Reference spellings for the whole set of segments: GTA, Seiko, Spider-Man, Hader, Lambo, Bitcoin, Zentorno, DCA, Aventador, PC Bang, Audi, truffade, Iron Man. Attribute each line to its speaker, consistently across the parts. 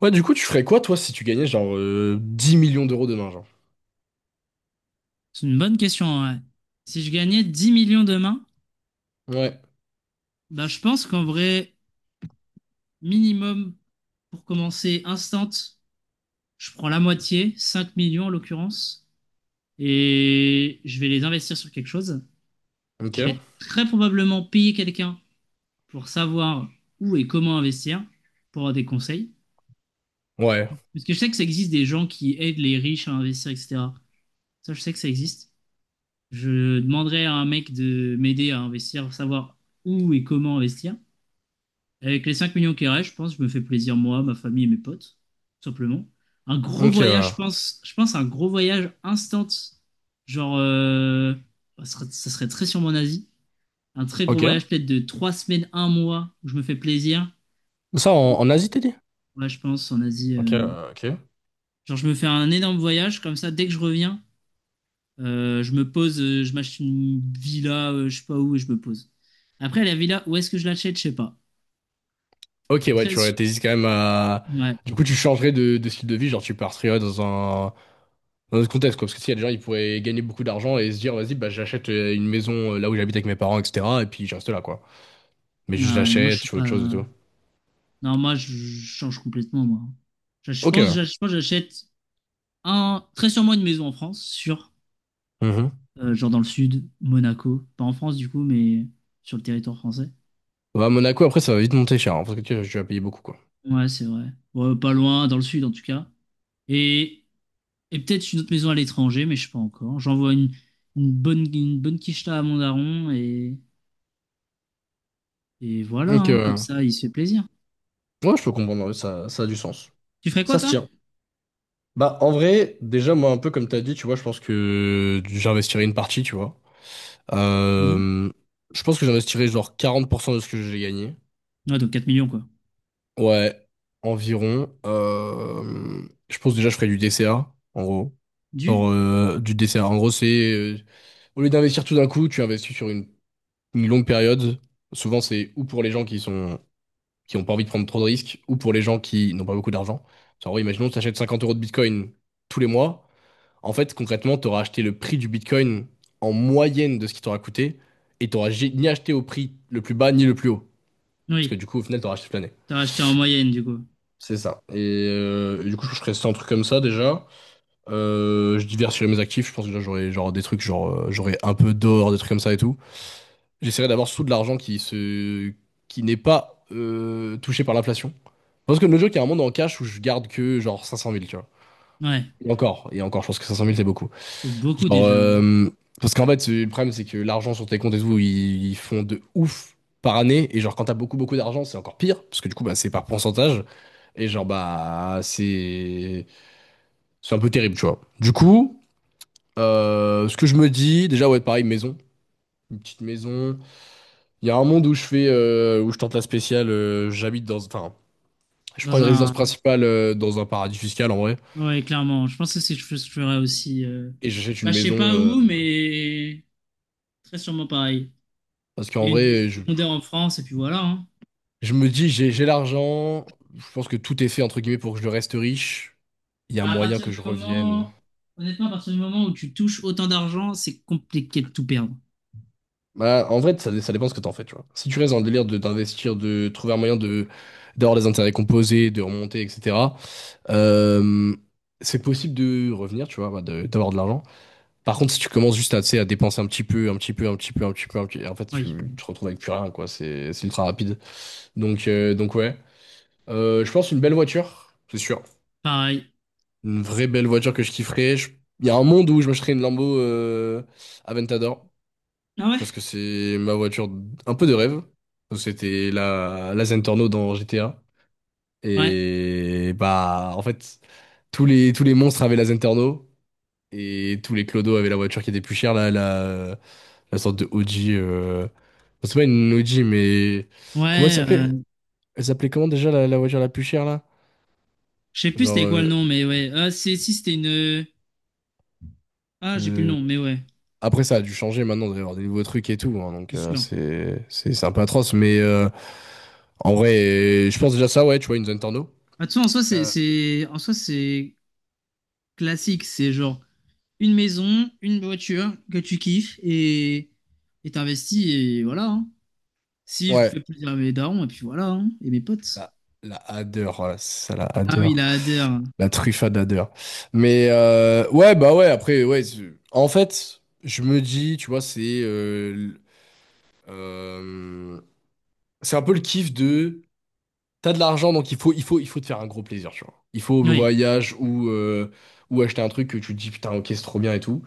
Speaker 1: Ouais, du coup, tu ferais quoi, toi, si tu gagnais genre 10 millions d'euros demain, genre?
Speaker 2: C'est une bonne question, en vrai. Si je gagnais 10 millions demain,
Speaker 1: Ouais.
Speaker 2: bah, je pense qu'en vrai, minimum, pour commencer instant, je prends la moitié, 5 millions en l'occurrence, et je vais les investir sur quelque chose.
Speaker 1: Ok.
Speaker 2: Je vais très probablement payer quelqu'un pour savoir où et comment investir, pour avoir des conseils.
Speaker 1: Ouais.
Speaker 2: Parce que je sais que ça existe des gens qui aident les riches à investir, etc. Ça, je sais que ça existe. Je demanderai à un mec de m'aider à investir, savoir où et comment investir. Avec les 5 millions qui restent, je pense, je me fais plaisir moi, ma famille et mes potes, tout simplement. Un gros
Speaker 1: Ok.
Speaker 2: voyage,
Speaker 1: euh,
Speaker 2: je pense à un gros voyage instant, genre, ça serait très sûrement en Asie. Un très gros
Speaker 1: ok.
Speaker 2: voyage peut-être de 3 semaines, un mois, où je me fais plaisir.
Speaker 1: Ça, en Asie, t'as dit?
Speaker 2: Ouais, je pense en Asie.
Speaker 1: Ok.
Speaker 2: euh,
Speaker 1: euh, ok.
Speaker 2: Genre, je me fais un énorme voyage, comme ça, dès que je reviens, je me pose, je m'achète une villa, je sais pas où, et je me pose. Après, la villa, où est-ce que je l'achète, je sais pas.
Speaker 1: Ok, ouais,
Speaker 2: Très.
Speaker 1: t'hésites quand même à.
Speaker 2: Ouais.
Speaker 1: Du coup, tu changerais de style de vie, genre tu partirais ouais, dans un autre contexte, quoi. Parce que s'il y a des gens, ils pourraient gagner beaucoup d'argent et se dire, vas-y, bah, j'achète une maison là où j'habite avec mes parents, etc. Et puis je reste là, quoi. Mais juste
Speaker 2: Ah ouais, non, moi, je
Speaker 1: j'achète,
Speaker 2: suis
Speaker 1: je fais
Speaker 2: pas.
Speaker 1: autre chose et tout.
Speaker 2: Non, moi, je change complètement, moi. Je
Speaker 1: Ok,
Speaker 2: pense,
Speaker 1: ouais.
Speaker 2: je pense que j'achète un, très sûrement une maison en France, sûr.
Speaker 1: Mhm.
Speaker 2: Genre dans le sud, Monaco. Pas en France, du coup, mais sur le territoire français.
Speaker 1: Ouais, à Monaco, après, ça va vite monter cher, hein, parce que tu vas payer beaucoup, quoi.
Speaker 2: Ouais, c'est vrai. Ouais, pas loin, dans le sud, en tout cas. Et, et peut-être une autre maison à l'étranger, mais je sais pas encore. J'envoie une bonne quicheta à mon daron et voilà,
Speaker 1: Donc,
Speaker 2: hein, comme ça, il se fait plaisir.
Speaker 1: ouais, je peux comprendre, ouais, ça a du sens.
Speaker 2: Tu ferais quoi,
Speaker 1: Ça se
Speaker 2: toi?
Speaker 1: tient. Bah, en vrai, déjà, moi, un peu comme t'as dit, tu vois, je pense que j'investirais une partie, tu vois.
Speaker 2: Mhm.
Speaker 1: Euh, je pense que j'investirais genre 40% de ce que j'ai gagné.
Speaker 2: Ouais, donc 4 millions, quoi.
Speaker 1: Ouais, environ. Je pense déjà, je ferais du DCA, en gros.
Speaker 2: Du?
Speaker 1: Genre, du DCA. En gros, c'est, euh, au lieu d'investir tout d'un coup, tu investis sur une longue période. Souvent, c'est ou pour les gens qui sont, qui ont pas envie de prendre trop de risques, ou pour les gens qui n'ont pas beaucoup d'argent. En gros, imaginons que tu achètes 50 € de Bitcoin tous les mois. En fait, concrètement, tu auras acheté le prix du Bitcoin en moyenne de ce qui t'aura coûté et tu n'auras ni acheté au prix le plus bas ni le plus haut. Parce que
Speaker 2: Oui.
Speaker 1: du coup, au final, tu auras acheté toute l'année.
Speaker 2: T'as acheté en moyenne, du coup.
Speaker 1: C'est ça. Et, du coup, je ferais 100 trucs comme ça déjà. Je diversifierais mes actifs. Je pense que déjà, j'aurais genre des trucs, genre j'aurais un peu d'or, des trucs comme ça et tout. J'essaierais d'avoir sous de l'argent qui n'est pas touché par l'inflation. Parce que le joke, il y a un monde en cash où je garde que genre 500 000, tu vois.
Speaker 2: Ouais,
Speaker 1: Et encore, je pense que 500 000, c'est beaucoup.
Speaker 2: c'est beaucoup
Speaker 1: Genre,
Speaker 2: déjà. Ouais.
Speaker 1: parce qu'en fait, le problème, c'est que l'argent sur tes comptes et tout, ils font de ouf par année. Et genre, quand t'as beaucoup, beaucoup d'argent, c'est encore pire. Parce que du coup, bah, c'est par pourcentage. Et genre, bah, c'est un peu terrible, tu vois. Du coup, ce que je me dis, déjà, ouais, pareil, maison. Une petite maison. Il y a un monde où je fais, où je tente la spéciale. J'habite dans, enfin, je prends
Speaker 2: Dans
Speaker 1: une résidence
Speaker 2: un.
Speaker 1: principale dans un paradis fiscal, en vrai.
Speaker 2: Ouais, clairement. Je pense que c'est ce que je ferais aussi.
Speaker 1: Et j'achète
Speaker 2: Bah,
Speaker 1: une
Speaker 2: je sais
Speaker 1: maison.
Speaker 2: pas où,
Speaker 1: euh,
Speaker 2: mais très sûrement pareil.
Speaker 1: parce qu'en
Speaker 2: Et une maison
Speaker 1: vrai, je,
Speaker 2: secondaire en France, et puis voilà, hein.
Speaker 1: Je me dis, j'ai l'argent. Je pense que tout est fait, entre guillemets, pour que je reste riche. Il y a
Speaker 2: Bah, À
Speaker 1: moyen
Speaker 2: partir
Speaker 1: que
Speaker 2: du
Speaker 1: je revienne.
Speaker 2: moment... Honnêtement, à partir du moment où tu touches autant d'argent, c'est compliqué de tout perdre.
Speaker 1: Bah, en vrai, ça dépend ce que t'en fais, tu vois. Si tu restes dans le délire de d'investir, de trouver un moyen de d'avoir des intérêts composés, de remonter, etc., euh, c'est possible de revenir, tu vois, bah, d'avoir de l'argent. Par contre, si tu commences juste à, tu sais, à dépenser un petit peu, un petit peu, un petit peu, un petit peu, un petit... en fait,
Speaker 2: Oui,
Speaker 1: tu te retrouves avec plus rien, quoi. C'est ultra rapide. Donc ouais. Je pense une belle voiture, c'est sûr.
Speaker 2: pareil.
Speaker 1: Une vraie belle voiture que je kifferais. Il y a un monde où je m'achèterais une Lambo Aventador
Speaker 2: Ah ouais?
Speaker 1: parce que c'est ma voiture un peu de rêve. C'était la Zentorno dans GTA.
Speaker 2: Ouais.
Speaker 1: Et bah, en fait, tous les monstres avaient la Zentorno et tous les clodos avaient la voiture qui était plus chère, la sorte de Audi. C'est pas une Audi, mais comment elle
Speaker 2: Ouais,
Speaker 1: s'appelait? Elle s'appelait comment déjà la voiture la plus chère là?
Speaker 2: je sais plus
Speaker 1: Genre.
Speaker 2: c'était quoi le nom, mais ouais. Ah, si c'était une. Ah, j'ai plus le
Speaker 1: Euh,
Speaker 2: nom, mais ouais,
Speaker 1: Après, ça a dû changer maintenant, il doit y avoir des nouveaux trucs et tout, hein, donc
Speaker 2: c'est
Speaker 1: euh,
Speaker 2: sûr.
Speaker 1: c'est c'est c'est un peu atroce, mais en vrai, je pense déjà ça, ouais, tu vois, une zone torno.
Speaker 2: Ah, de toute façon, en soi,
Speaker 1: Euh,
Speaker 2: c'est classique. C'est genre une maison, une voiture que tu kiffes et t'investis et voilà, hein. Si je
Speaker 1: ouais,
Speaker 2: fais plaisir à mes darons et puis voilà, hein, et mes potes.
Speaker 1: la, la Hader, voilà, c'est ça, la
Speaker 2: Ah
Speaker 1: Hader,
Speaker 2: oui, la ADR.
Speaker 1: la truffade Hader. Mais ouais, bah ouais, après, ouais, en fait, je me dis, tu vois, euh, c'est un peu le kiff de t'as de l'argent, donc il faut te faire un gros plaisir, tu vois. Il faut au
Speaker 2: Oui,
Speaker 1: voyage ou acheter un truc que tu te dis putain, ok, c'est trop bien et tout.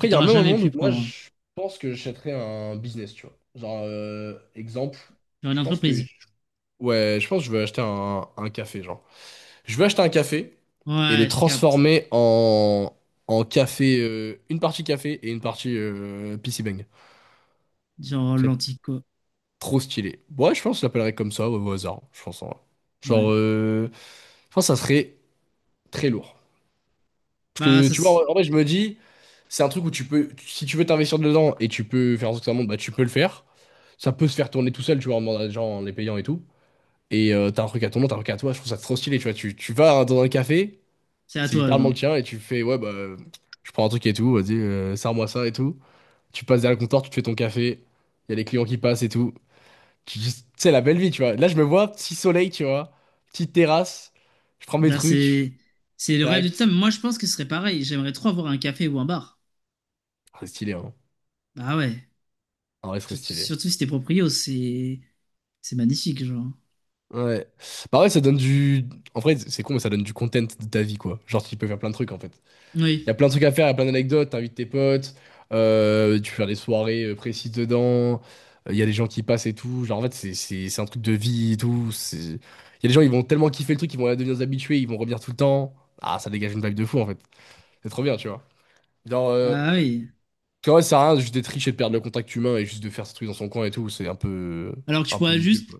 Speaker 2: que
Speaker 1: il y a un
Speaker 2: t'auras
Speaker 1: même
Speaker 2: jamais
Speaker 1: moment où
Speaker 2: pu
Speaker 1: moi,
Speaker 2: prendre, hein.
Speaker 1: je pense que j'achèterais un business, tu vois. Genre, exemple,
Speaker 2: Genre une
Speaker 1: je pense que...
Speaker 2: entreprise.
Speaker 1: Ouais, je pense que je vais acheter un café, genre. Je vais acheter un café et le
Speaker 2: Ouais, je capte.
Speaker 1: transformer en une partie café et une partie PC Bang.
Speaker 2: Genre
Speaker 1: Ce serait
Speaker 2: l'antico.
Speaker 1: trop stylé. Ouais, je pense que je l'appellerais comme ça, ouais, au hasard, je pense, en vrai.
Speaker 2: Ouais.
Speaker 1: Genre, je pense que ça serait très lourd. Parce
Speaker 2: Bah
Speaker 1: que
Speaker 2: ça
Speaker 1: tu
Speaker 2: c'est
Speaker 1: vois, en vrai, je me dis, c'est un truc où tu peux, si tu veux t'investir dedans et tu peux faire en sorte que ça monte, bah tu peux le faire. Ça peut se faire tourner tout seul, tu vois, en demandant à des gens, en les payant et tout. Et t'as un truc à ton nom, t'as un truc à toi, je trouve ça trop stylé, tu vois. Tu vas dans un café,
Speaker 2: c'est à
Speaker 1: c'est
Speaker 2: toi
Speaker 1: littéralement
Speaker 2: genre.
Speaker 1: le tien, et tu fais, ouais, bah, je prends un truc et tout, vas-y, sers-moi ça et tout. Tu passes derrière le comptoir, tu te fais ton café, il y a les clients qui passent et tout. Tu dis, c'est la belle vie, tu vois. Là, je me vois, petit soleil, tu vois, petite terrasse, je prends mes
Speaker 2: Là
Speaker 1: trucs,
Speaker 2: c'est le rêve de tout ça.
Speaker 1: tac.
Speaker 2: Mais moi je pense que ce serait pareil. J'aimerais trop avoir un café ou un bar.
Speaker 1: Ah, c'est stylé, hein.
Speaker 2: Bah ouais.
Speaker 1: En vrai, ce serait
Speaker 2: Surtout,
Speaker 1: stylé.
Speaker 2: surtout si t'es proprio, c'est magnifique genre.
Speaker 1: Ouais. Bah ouais, ça donne du... En vrai, c'est con, mais ça donne du content de ta vie, quoi. Genre, tu peux faire plein de trucs, en fait. Il y a
Speaker 2: Oui.
Speaker 1: plein de trucs à faire, il y a plein d'anecdotes, t'invites tes potes, tu peux faire des soirées précises dedans, il y a des gens qui passent et tout. Genre, en fait, c'est un truc de vie et tout. Il y a des gens, ils vont tellement kiffer le truc, ils vont devenir des habitués, ils vont revenir tout le temps. Ah, ça dégage une vibe de fou, en fait. C'est trop bien, tu vois. Genre, parce
Speaker 2: Bah oui.
Speaker 1: que, ouais, ça sert à rien de juste d'être riche et de perdre le contact humain et juste de faire ce truc dans son coin et tout. C'est
Speaker 2: Alors que tu
Speaker 1: un peu
Speaker 2: pourrais
Speaker 1: vieux,
Speaker 2: juste
Speaker 1: quoi.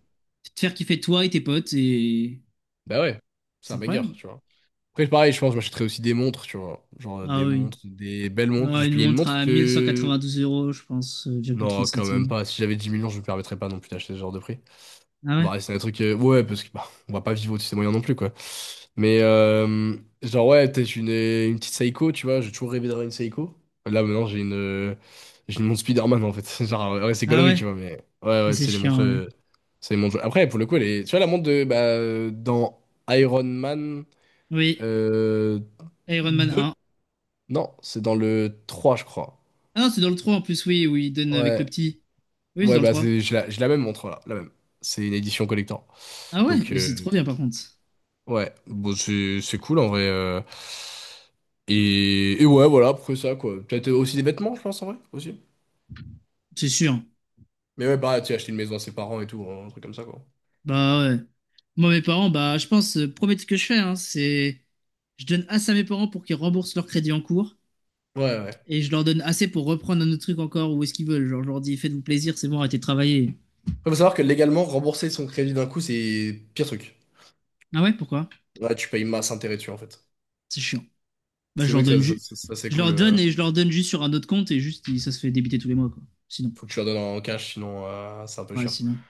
Speaker 2: te faire kiffer toi et tes potes et
Speaker 1: Bah ouais, c'est
Speaker 2: c'est
Speaker 1: un banger,
Speaker 2: incroyable.
Speaker 1: tu vois. Après, pareil, je pense que je m'achèterais aussi des montres, tu vois. Genre
Speaker 2: Ah
Speaker 1: des
Speaker 2: oui.
Speaker 1: montres, des belles montres.
Speaker 2: Genre une
Speaker 1: Il y a une
Speaker 2: montre
Speaker 1: montre
Speaker 2: à 1192
Speaker 1: que.
Speaker 2: euros, je pense, virgule 30
Speaker 1: Non, quand même
Speaker 2: centimes.
Speaker 1: pas. Si j'avais 10 millions, je me permettrais pas non plus d'acheter ce genre de prix.
Speaker 2: Ah
Speaker 1: On
Speaker 2: ouais?
Speaker 1: va rester dans un truc. Ouais, parce que bah, on va pas vivre au-dessus des moyens non plus, quoi. Mais genre, ouais, peut-être une petite Seiko, tu vois. J'ai toujours rêvé d'avoir une Seiko. Là, maintenant, j'ai une montre Spider-Man, en fait. Genre, ouais, c'est
Speaker 2: Ah
Speaker 1: gaulerie,
Speaker 2: ouais?
Speaker 1: tu vois. Mais ouais,
Speaker 2: Mais
Speaker 1: ouais,
Speaker 2: c'est
Speaker 1: c'est les montres.
Speaker 2: chiant, ouais.
Speaker 1: C'est les montres. Après, pour le coup, tu vois, la montre de. Bah, dans Iron Man.
Speaker 2: Oui,
Speaker 1: Euh...
Speaker 2: Iron Man 1.
Speaker 1: Non, c'est dans le 3, je crois.
Speaker 2: Ah non, c'est dans le trois en plus, oui, où il donne avec le
Speaker 1: Ouais,
Speaker 2: petit. Oui, c'est
Speaker 1: ouais,
Speaker 2: dans le
Speaker 1: bah
Speaker 2: 3.
Speaker 1: j'ai la même montre là, la même. C'est une édition collector.
Speaker 2: Ah ouais,
Speaker 1: Donc
Speaker 2: mais c'est trop bien par contre.
Speaker 1: ouais, bon c'est cool en vrai. Et, ouais, voilà, après ça quoi. Peut-être aussi des vêtements, je pense en vrai aussi.
Speaker 2: C'est sûr.
Speaker 1: Mais ouais, bah tu sais, acheter une maison à ses parents et tout, hein, un truc comme ça quoi.
Speaker 2: Bah ouais. Moi, mes parents, bah je pense, premier truc que je fais, hein, c'est. Je donne assez à mes parents pour qu'ils remboursent leur crédit en cours.
Speaker 1: Ouais, ouais.
Speaker 2: Et je leur donne assez pour reprendre un autre truc encore ou est-ce qu'ils veulent. Genre, je leur dis faites-vous plaisir, c'est bon, arrêtez de travailler.
Speaker 1: Faut savoir que légalement, rembourser son crédit d'un coup, c'est pire truc.
Speaker 2: Ah ouais, pourquoi?
Speaker 1: Ouais, tu payes masse intérêt dessus en fait.
Speaker 2: C'est chiant. Bah, je
Speaker 1: C'est mieux
Speaker 2: leur
Speaker 1: que ça,
Speaker 2: donne
Speaker 1: ça,
Speaker 2: juste.
Speaker 1: ça- ça, c'est
Speaker 2: Je
Speaker 1: cool.
Speaker 2: leur donne et je leur donne juste sur un autre compte et juste ça se fait débiter tous les mois quoi. Sinon,
Speaker 1: Faut que tu leur donnes en cash, sinon c'est un peu
Speaker 2: ouais,
Speaker 1: chiant.
Speaker 2: sinon.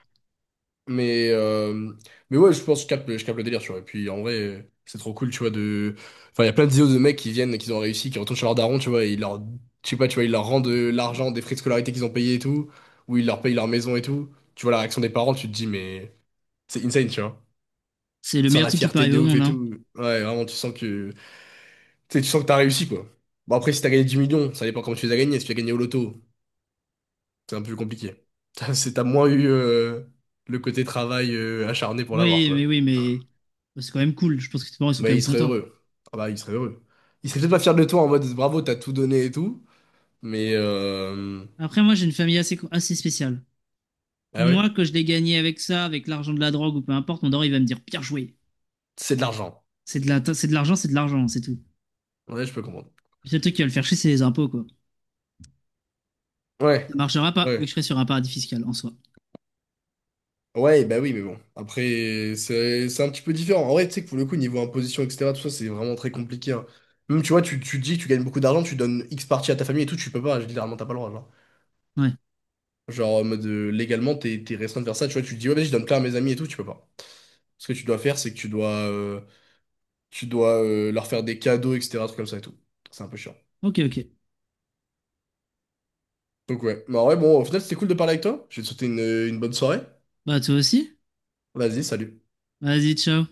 Speaker 1: Mais, euh, mais ouais, je pense que je capte, je capte le délire, tu vois. Et puis en vrai, c'est trop cool, tu vois, de. Enfin, il y a plein de vidéos de mecs qui viennent, qui ont réussi, qui retournent chez leur daron, tu vois, et ils leur. Je sais pas, tu vois, ils leur rendent de l'argent, des frais de scolarité qu'ils ont payés et tout, ou ils leur payent leur maison et tout. Tu vois la réaction des parents, tu te dis, mais c'est insane, tu vois.
Speaker 2: C'est le
Speaker 1: Tu sens
Speaker 2: meilleur
Speaker 1: la
Speaker 2: truc qui peut
Speaker 1: fierté
Speaker 2: arriver
Speaker 1: de
Speaker 2: au
Speaker 1: ouf
Speaker 2: monde,
Speaker 1: et
Speaker 2: hein.
Speaker 1: tout. Ouais, vraiment, tu sens que. Tu sais, tu sens que t'as réussi, quoi. Bon, après, si t'as gagné 10 millions, ça dépend comment tu les as gagnés. Si tu as gagné au loto, c'est un peu plus compliqué. T'as moins eu le côté travail acharné pour l'avoir,
Speaker 2: Oui, mais
Speaker 1: quoi.
Speaker 2: oui, mais bah, c'est quand même cool. Je pense que tes parents ils sont quand
Speaker 1: Mais
Speaker 2: même
Speaker 1: il serait
Speaker 2: contents.
Speaker 1: heureux. Ah bah, il serait heureux. Il serait peut-être pas fier de toi en mode bravo, t'as tout donné et tout. Mais
Speaker 2: Après, moi j'ai une famille assez, assez spéciale.
Speaker 1: Ah ouais,
Speaker 2: Moi, quand je l'ai gagné avec ça, avec l'argent de la drogue ou peu importe, mon daron il va me dire bien joué.
Speaker 1: c'est de l'argent.
Speaker 2: C'est de l'argent, c'est de l'argent, c'est tout.
Speaker 1: Ouais, je peux comprendre.
Speaker 2: Le seul truc qui va le faire chier, c'est les impôts quoi. Ça
Speaker 1: Ouais,
Speaker 2: marchera pas vu que
Speaker 1: ouais.
Speaker 2: je serai sur un paradis fiscal en soi.
Speaker 1: Ouais, bah oui, mais bon. Après, c'est un petit peu différent. En vrai, tu sais que pour le coup, niveau imposition, etc., tout ça, c'est vraiment très compliqué, hein. Même, tu vois, tu dis que tu gagnes beaucoup d'argent, tu donnes X partie à ta famille et tout, tu peux pas, littéralement, t'as pas le droit, genre.
Speaker 2: Ouais.
Speaker 1: Genre, en mode, légalement, t'es restreint de faire ça, tu vois, tu te dis, ouais, vas-y, je donne plein à mes amis et tout, tu peux pas. Ce que tu dois faire, c'est que tu dois leur faire des cadeaux, etc. Trucs comme ça et tout. C'est un peu chiant.
Speaker 2: Ok, ok.
Speaker 1: Donc ouais. Mais en vrai, bon, au final, c'était cool de parler avec toi. Je vais te souhaiter une bonne soirée.
Speaker 2: Bah, toi aussi.
Speaker 1: Vas-y, salut.
Speaker 2: Vas-y, ciao.